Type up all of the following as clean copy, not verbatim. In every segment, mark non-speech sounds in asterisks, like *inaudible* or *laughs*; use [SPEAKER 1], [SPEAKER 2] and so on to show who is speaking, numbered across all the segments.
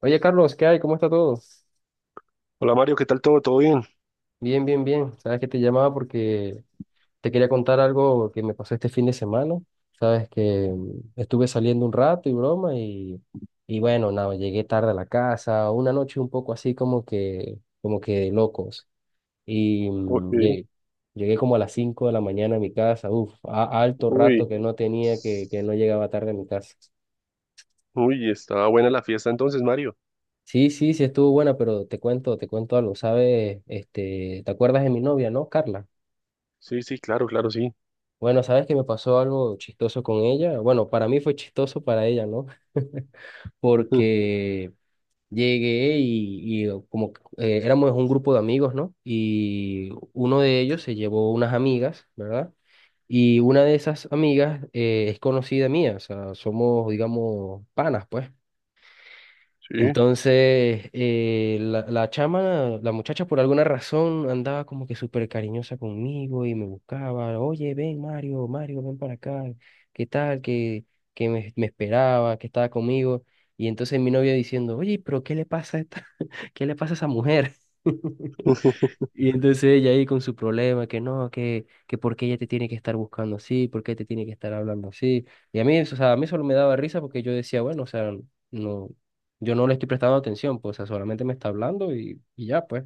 [SPEAKER 1] Oye, Carlos, ¿qué hay? ¿Cómo está todo?
[SPEAKER 2] Hola Mario, ¿qué tal todo? ¿Todo bien?
[SPEAKER 1] Bien, bien, bien. Sabes que te llamaba porque te quería contar algo que me pasó este fin de semana. Sabes que estuve saliendo un rato y broma y bueno, nada, llegué tarde a la casa, una noche un poco así como que de locos. Y
[SPEAKER 2] Ok.
[SPEAKER 1] llegué como a las 5 de la mañana a mi casa, uf, alto rato
[SPEAKER 2] Uy.
[SPEAKER 1] que no tenía, que no llegaba tarde a mi casa.
[SPEAKER 2] Uy, estaba buena la fiesta entonces, Mario.
[SPEAKER 1] Sí, sí, sí estuvo buena, pero te cuento algo, ¿sabes? Este, ¿te acuerdas de mi novia, no, Carla?
[SPEAKER 2] Sí, sí, claro, claro, sí.
[SPEAKER 1] Bueno, sabes que me pasó algo chistoso con ella. Bueno, para mí fue chistoso para ella, ¿no?
[SPEAKER 2] *laughs*
[SPEAKER 1] Porque llegué y como que, éramos un grupo de amigos, ¿no? Y uno de ellos se llevó unas amigas, ¿verdad? Y una de esas amigas es conocida mía, o sea, somos, digamos, panas, pues.
[SPEAKER 2] Sí.
[SPEAKER 1] Entonces, la chama, la muchacha por alguna razón andaba como que súper cariñosa conmigo y me buscaba, oye, ven Mario, Mario, ven para acá, ¿qué tal? Que, me esperaba, que estaba conmigo. Y entonces mi novia diciendo, oye, pero ¿qué le pasa a esta, *laughs* qué le pasa a esa mujer? *laughs*
[SPEAKER 2] *laughs*
[SPEAKER 1] Y entonces ella ahí con su problema, que no, que por qué ella te tiene que estar buscando así, por qué te tiene que estar hablando así. Y a mí, o sea, a mí solo me daba risa porque yo decía, bueno, o sea, no, yo no le estoy prestando atención, pues, o sea, solamente me está hablando y ya, pues.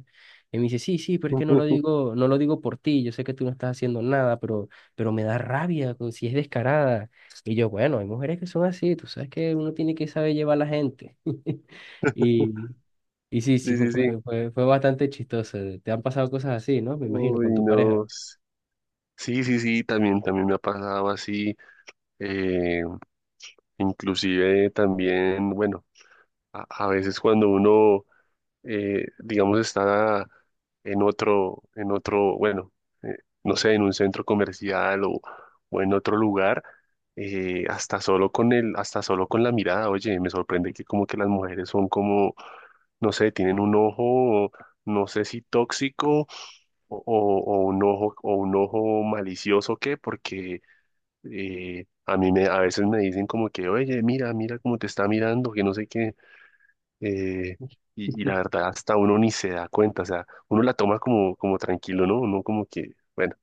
[SPEAKER 1] Y me dice, sí, sí, pero es que no lo digo, no lo digo por ti, yo sé que tú no estás haciendo nada, pero me da rabia, pues, si es descarada. Y yo, bueno, hay mujeres que son así, tú sabes que uno tiene que saber llevar a la gente. *laughs* y y sí, sí,
[SPEAKER 2] Sí,
[SPEAKER 1] fue,
[SPEAKER 2] sí, sí.
[SPEAKER 1] fue, fue, fue bastante chistoso. Te han pasado cosas así, ¿no? Me imagino,
[SPEAKER 2] Uy,
[SPEAKER 1] con tu pareja.
[SPEAKER 2] no. Sí, sí, sí, también, también me ha pasado así. eh, Inclusive también, bueno, a veces cuando uno digamos, está en otro, bueno, eh, no sé, en un centro comercial o en otro lugar, hasta solo con el, hasta solo con la mirada. Oye, me sorprende que como que las mujeres son como, no sé, tienen un ojo, no sé si tóxico o un ojo malicioso, ¿qué? Porque a mí me, a veces me dicen como que, oye, mira, mira cómo te está mirando, que no sé qué. eh, y, y la
[SPEAKER 1] *laughs*
[SPEAKER 2] verdad, hasta uno ni se da cuenta, o sea, uno la toma como, como tranquilo, ¿no? Uno como que, bueno,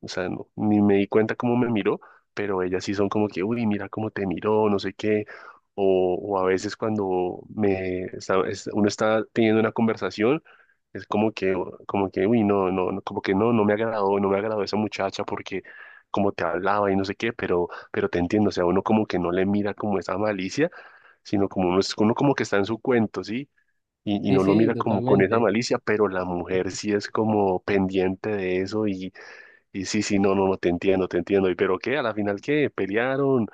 [SPEAKER 2] o sea, ni me di cuenta cómo me miró, pero ellas sí son como que, uy, mira cómo te miró, no sé qué. O a veces cuando uno está teniendo una conversación, es como que, uy, no, no, no, como que no, no me agradó, no me agradó esa muchacha porque como te hablaba y no sé qué. Pero te entiendo, o sea, uno como que no le mira como esa malicia, sino como uno, uno como que está en su cuento, ¿sí? Y
[SPEAKER 1] Sí,
[SPEAKER 2] no lo
[SPEAKER 1] sí,
[SPEAKER 2] mira como con esa
[SPEAKER 1] totalmente.
[SPEAKER 2] malicia, pero la mujer sí es como pendiente de eso. Y y sí, sí, no, no, no, te entiendo, te entiendo. ¿Y pero qué? ¿A la final qué? ¿Pelearon?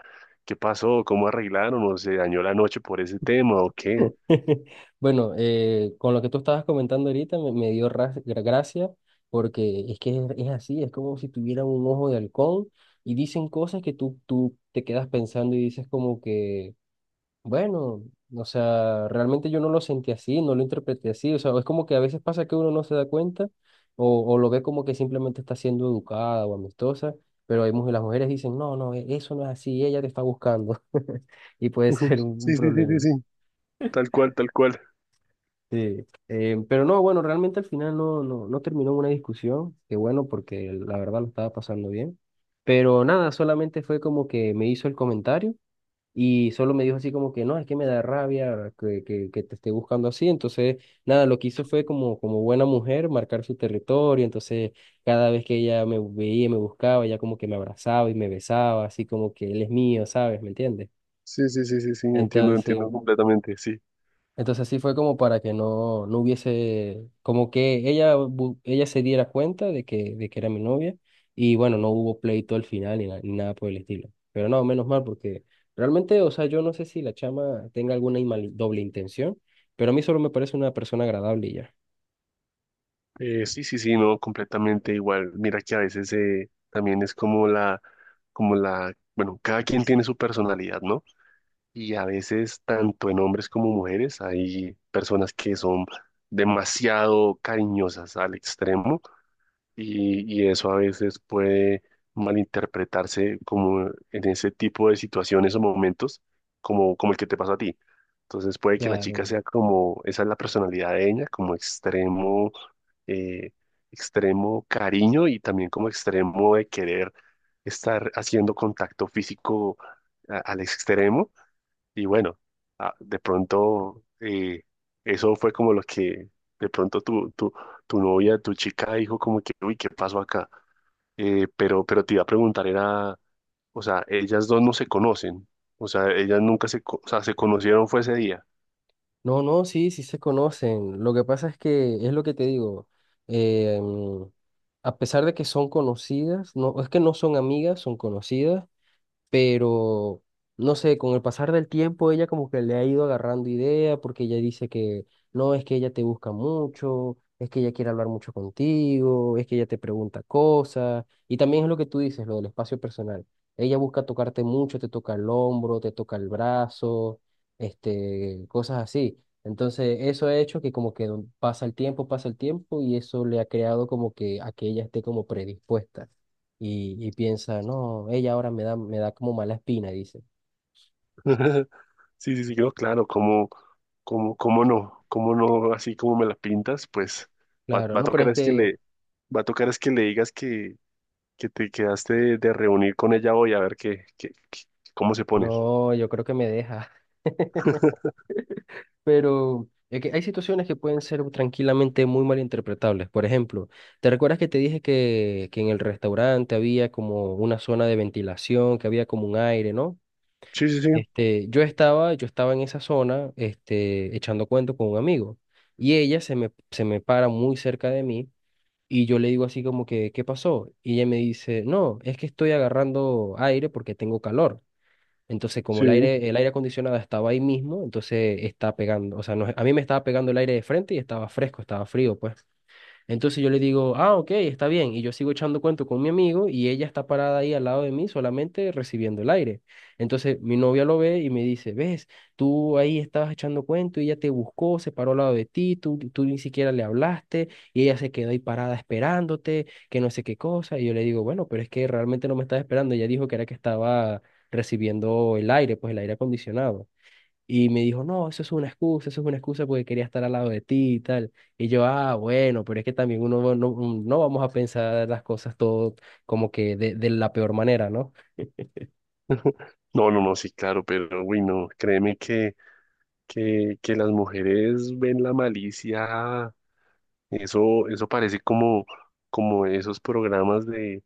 [SPEAKER 2] ¿Qué pasó? ¿Cómo arreglaron? ¿O se dañó la noche por ese tema o qué?
[SPEAKER 1] *laughs* Bueno, con lo que tú estabas comentando ahorita me dio gracia porque es que es así, es como si tuviera un ojo de halcón y dicen cosas que tú te quedas pensando y dices como que... Bueno, o sea, realmente yo no lo sentí así, no lo interpreté así, o sea, es como que a veces pasa que uno no se da cuenta o lo ve como que simplemente está siendo educada o amistosa, pero hay mujeres, las mujeres dicen, no, no, eso no es así, ella te está buscando *laughs* y puede
[SPEAKER 2] Ujú.
[SPEAKER 1] ser un
[SPEAKER 2] Sí, sí, sí, sí,
[SPEAKER 1] problema.
[SPEAKER 2] sí. Tal cual, tal cual.
[SPEAKER 1] Sí, pero no, bueno, realmente al final no, no, no terminó en una discusión, que bueno, porque la verdad lo estaba pasando bien, pero nada, solamente fue como que me hizo el comentario. Y solo me dijo así como que no, es que me da rabia que te esté buscando así. Entonces, nada, lo que hizo fue como, como buena mujer marcar su territorio. Entonces, cada vez que ella me veía, me buscaba, ella como que me abrazaba y me besaba, así como que él es mío, ¿sabes? ¿Me entiendes?
[SPEAKER 2] Sí, sí, sí, sí, sí, entiendo,
[SPEAKER 1] Entonces,
[SPEAKER 2] entiendo completamente, sí.
[SPEAKER 1] entonces así fue como para que no, no hubiese, como que ella, ella se diera cuenta de que era mi novia y bueno, no hubo pleito al final ni, ni nada por el estilo. Pero no, menos mal porque realmente, o sea, yo no sé si la chama tenga alguna doble intención, pero a mí solo me parece una persona agradable y ya.
[SPEAKER 2] Sí, sí, sí, no, completamente igual. Mira que a veces también es como la, bueno, cada quien tiene su personalidad, ¿no? Y a veces, tanto en hombres como mujeres, hay personas que son demasiado cariñosas al extremo, y eso a veces puede malinterpretarse como en ese tipo de situaciones o momentos, como, como el que te pasó a ti. Entonces puede que la chica
[SPEAKER 1] Claro.
[SPEAKER 2] sea como, esa es la personalidad de ella, como extremo, eh, extremo cariño, y también como extremo de querer estar haciendo contacto físico al extremo. Y bueno, ah, de pronto eso fue como lo que de pronto tu novia, tu chica dijo como que, uy, ¿qué pasó acá? Pero te iba a preguntar, era, o sea, ellas dos no se conocen, o sea, ellas nunca se, co- o sea, se conocieron fue ese día.
[SPEAKER 1] No, no, sí, sí se conocen. Lo que pasa es que es lo que te digo. Eh, a pesar de que son conocidas, no, es que no son amigas, son conocidas. Pero no sé, con el pasar del tiempo ella como que le ha ido agarrando idea porque ella dice que no, es que ella te busca mucho, es que ella quiere hablar mucho contigo, es que ella te pregunta cosas y también es lo que tú dices, lo del espacio personal. Ella busca tocarte mucho, te toca el hombro, te toca el brazo, este, cosas así. Entonces, eso ha hecho que como que pasa el tiempo y eso le ha creado como que a que ella esté como predispuesta y piensa, no, ella ahora me da como mala espina, dice.
[SPEAKER 2] *laughs* Sí, sí, sí, no, claro, cómo cómo- cómo no, así como me la pintas, pues
[SPEAKER 1] Claro,
[SPEAKER 2] va a
[SPEAKER 1] no, pero
[SPEAKER 2] tocar
[SPEAKER 1] es
[SPEAKER 2] es que
[SPEAKER 1] que,
[SPEAKER 2] va a tocar es que le digas que te quedaste de reunir con ella hoy a ver cómo se pone.
[SPEAKER 1] no, yo creo que me deja. *laughs* Pero es que hay situaciones que pueden ser tranquilamente muy malinterpretables. Por ejemplo, ¿te recuerdas que te dije que en el restaurante había como una zona de ventilación, que había como un aire, ¿no?
[SPEAKER 2] Sí, sí, sí,
[SPEAKER 1] Este, yo estaba en esa zona, este, echando cuento con un amigo. Y ella se me para muy cerca de mí. Y yo le digo así como que, ¿qué pasó? Y ella me dice, no, es que estoy agarrando aire porque tengo calor. Entonces, como
[SPEAKER 2] sí.
[SPEAKER 1] el aire acondicionado estaba ahí mismo, entonces está pegando, o sea, a mí me estaba pegando el aire de frente y estaba fresco, estaba frío, pues. Entonces yo le digo, ah, ok, está bien. Y yo sigo echando cuento con mi amigo y ella está parada ahí al lado de mí solamente recibiendo el aire. Entonces mi novia lo ve y me dice, ves, tú ahí estabas echando cuento y ella te buscó, se paró al lado de ti, tú ni siquiera le hablaste y ella se quedó ahí parada esperándote, que no sé qué cosa. Y yo le digo, bueno, pero es que realmente no me estaba esperando. Ella dijo que era que estaba recibiendo el aire, pues el aire acondicionado. Y me dijo, no, eso es una excusa, eso es una excusa porque quería estar al lado de ti y tal. Y yo, ah, bueno, pero es que también uno no, no vamos a pensar las cosas todo como que de la peor manera, ¿no?
[SPEAKER 2] No, no, no, sí, claro, pero uy, no, créeme que las mujeres ven la malicia. Eso parece como, como esos programas de,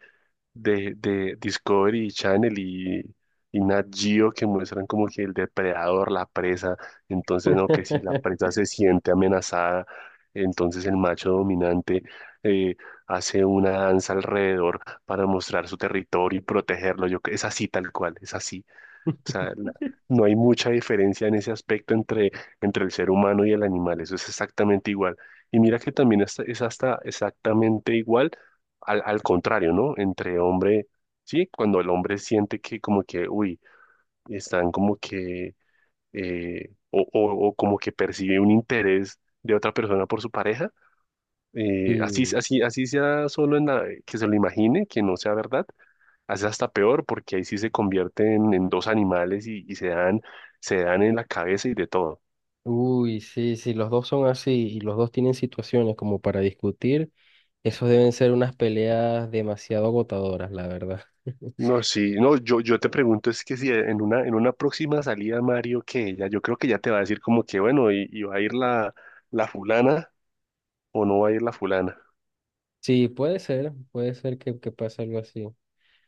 [SPEAKER 2] de Discovery Channel y Nat Geo, que muestran como que el depredador, la presa. Entonces no, que si la
[SPEAKER 1] *laughs*
[SPEAKER 2] presa se siente amenazada, entonces el macho dominante eh, hace una danza alrededor para mostrar su territorio y protegerlo. Yo, es así tal cual, es así. O sea, no hay mucha diferencia en ese aspecto entre, entre el ser humano y el animal, eso es exactamente igual. Y mira que también es hasta exactamente igual al, al contrario, ¿no? Entre hombre, sí, cuando el hombre siente que como que, uy, están como que, o como que percibe un interés de otra persona por su pareja, así,
[SPEAKER 1] Sí,
[SPEAKER 2] así, así sea solo en la, que se lo imagine, que no sea verdad, hace hasta peor porque ahí sí se convierten en dos animales, y se dan en la cabeza y de todo.
[SPEAKER 1] uy, sí, sí, los dos son así y los dos tienen situaciones como para discutir, esos deben ser unas peleas demasiado agotadoras, la verdad. *laughs*
[SPEAKER 2] No, sí, no, yo te pregunto es que si en una, en una próxima salida, Mario, que ella, yo creo que ya te va a decir como que bueno, y va a ir la, la fulana o no va a ir la fulana.
[SPEAKER 1] Sí, puede ser que pase algo así.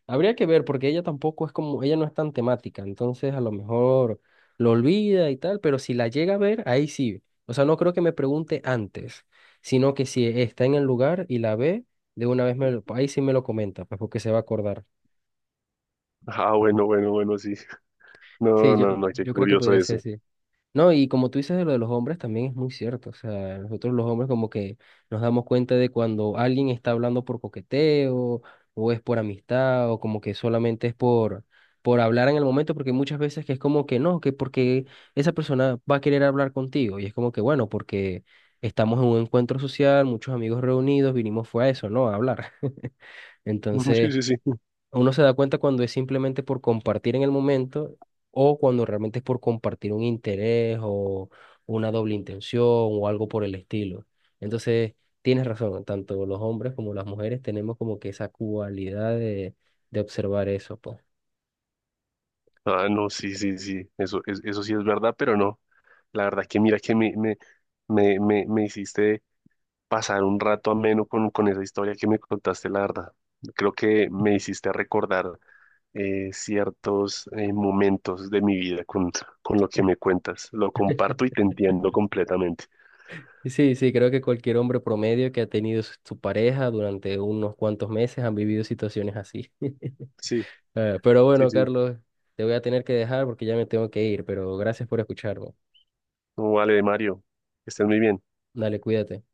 [SPEAKER 1] Habría que ver, porque ella tampoco es como, ella no es tan temática, entonces a lo mejor lo olvida y tal, pero si la llega a ver, ahí sí. O sea, no creo que me pregunte antes, sino que si está en el lugar y la ve, de una vez me lo, ahí sí me lo comenta, pues porque se va a acordar.
[SPEAKER 2] Ah, bueno, bueno, bueno, sí.
[SPEAKER 1] Sí,
[SPEAKER 2] No,
[SPEAKER 1] yo,
[SPEAKER 2] no, no, qué
[SPEAKER 1] yo creo que
[SPEAKER 2] curioso
[SPEAKER 1] podría ser
[SPEAKER 2] eso.
[SPEAKER 1] así. No, y como tú dices de lo de los hombres también es muy cierto. O sea, nosotros los hombres como que nos damos cuenta de cuando alguien está hablando por coqueteo o es por amistad o como que solamente es por hablar en el momento porque muchas veces que es como que no, que porque esa persona va a querer hablar contigo y es como que bueno, porque estamos en un encuentro social, muchos amigos reunidos, vinimos fue a eso, ¿no? A hablar. *laughs*
[SPEAKER 2] *laughs* Sí,
[SPEAKER 1] Entonces,
[SPEAKER 2] sí, sí.
[SPEAKER 1] uno se da cuenta cuando es simplemente por compartir en el momento o cuando realmente es por compartir un interés o una doble intención o algo por el estilo. Entonces, tienes razón, tanto los hombres como las mujeres tenemos como que esa cualidad de observar eso, pues.
[SPEAKER 2] Ah, no, sí, sí, sí. Eso, eso sí es verdad, pero no. La verdad que mira que me hiciste pasar un rato ameno con esa historia que me contaste, la verdad. Creo que me hiciste recordar ciertos momentos de mi vida con lo que me cuentas. Lo comparto y te entiendo completamente.
[SPEAKER 1] Y sí, sí, creo que cualquier hombre promedio que ha tenido su pareja durante unos cuantos meses han vivido situaciones así. *laughs*
[SPEAKER 2] Sí,
[SPEAKER 1] Pero
[SPEAKER 2] sí,
[SPEAKER 1] bueno,
[SPEAKER 2] sí.
[SPEAKER 1] Carlos, te voy a tener que dejar porque ya me tengo que ir, pero gracias por escucharme.
[SPEAKER 2] Vale, Mario, que estés muy bien.
[SPEAKER 1] Dale, cuídate.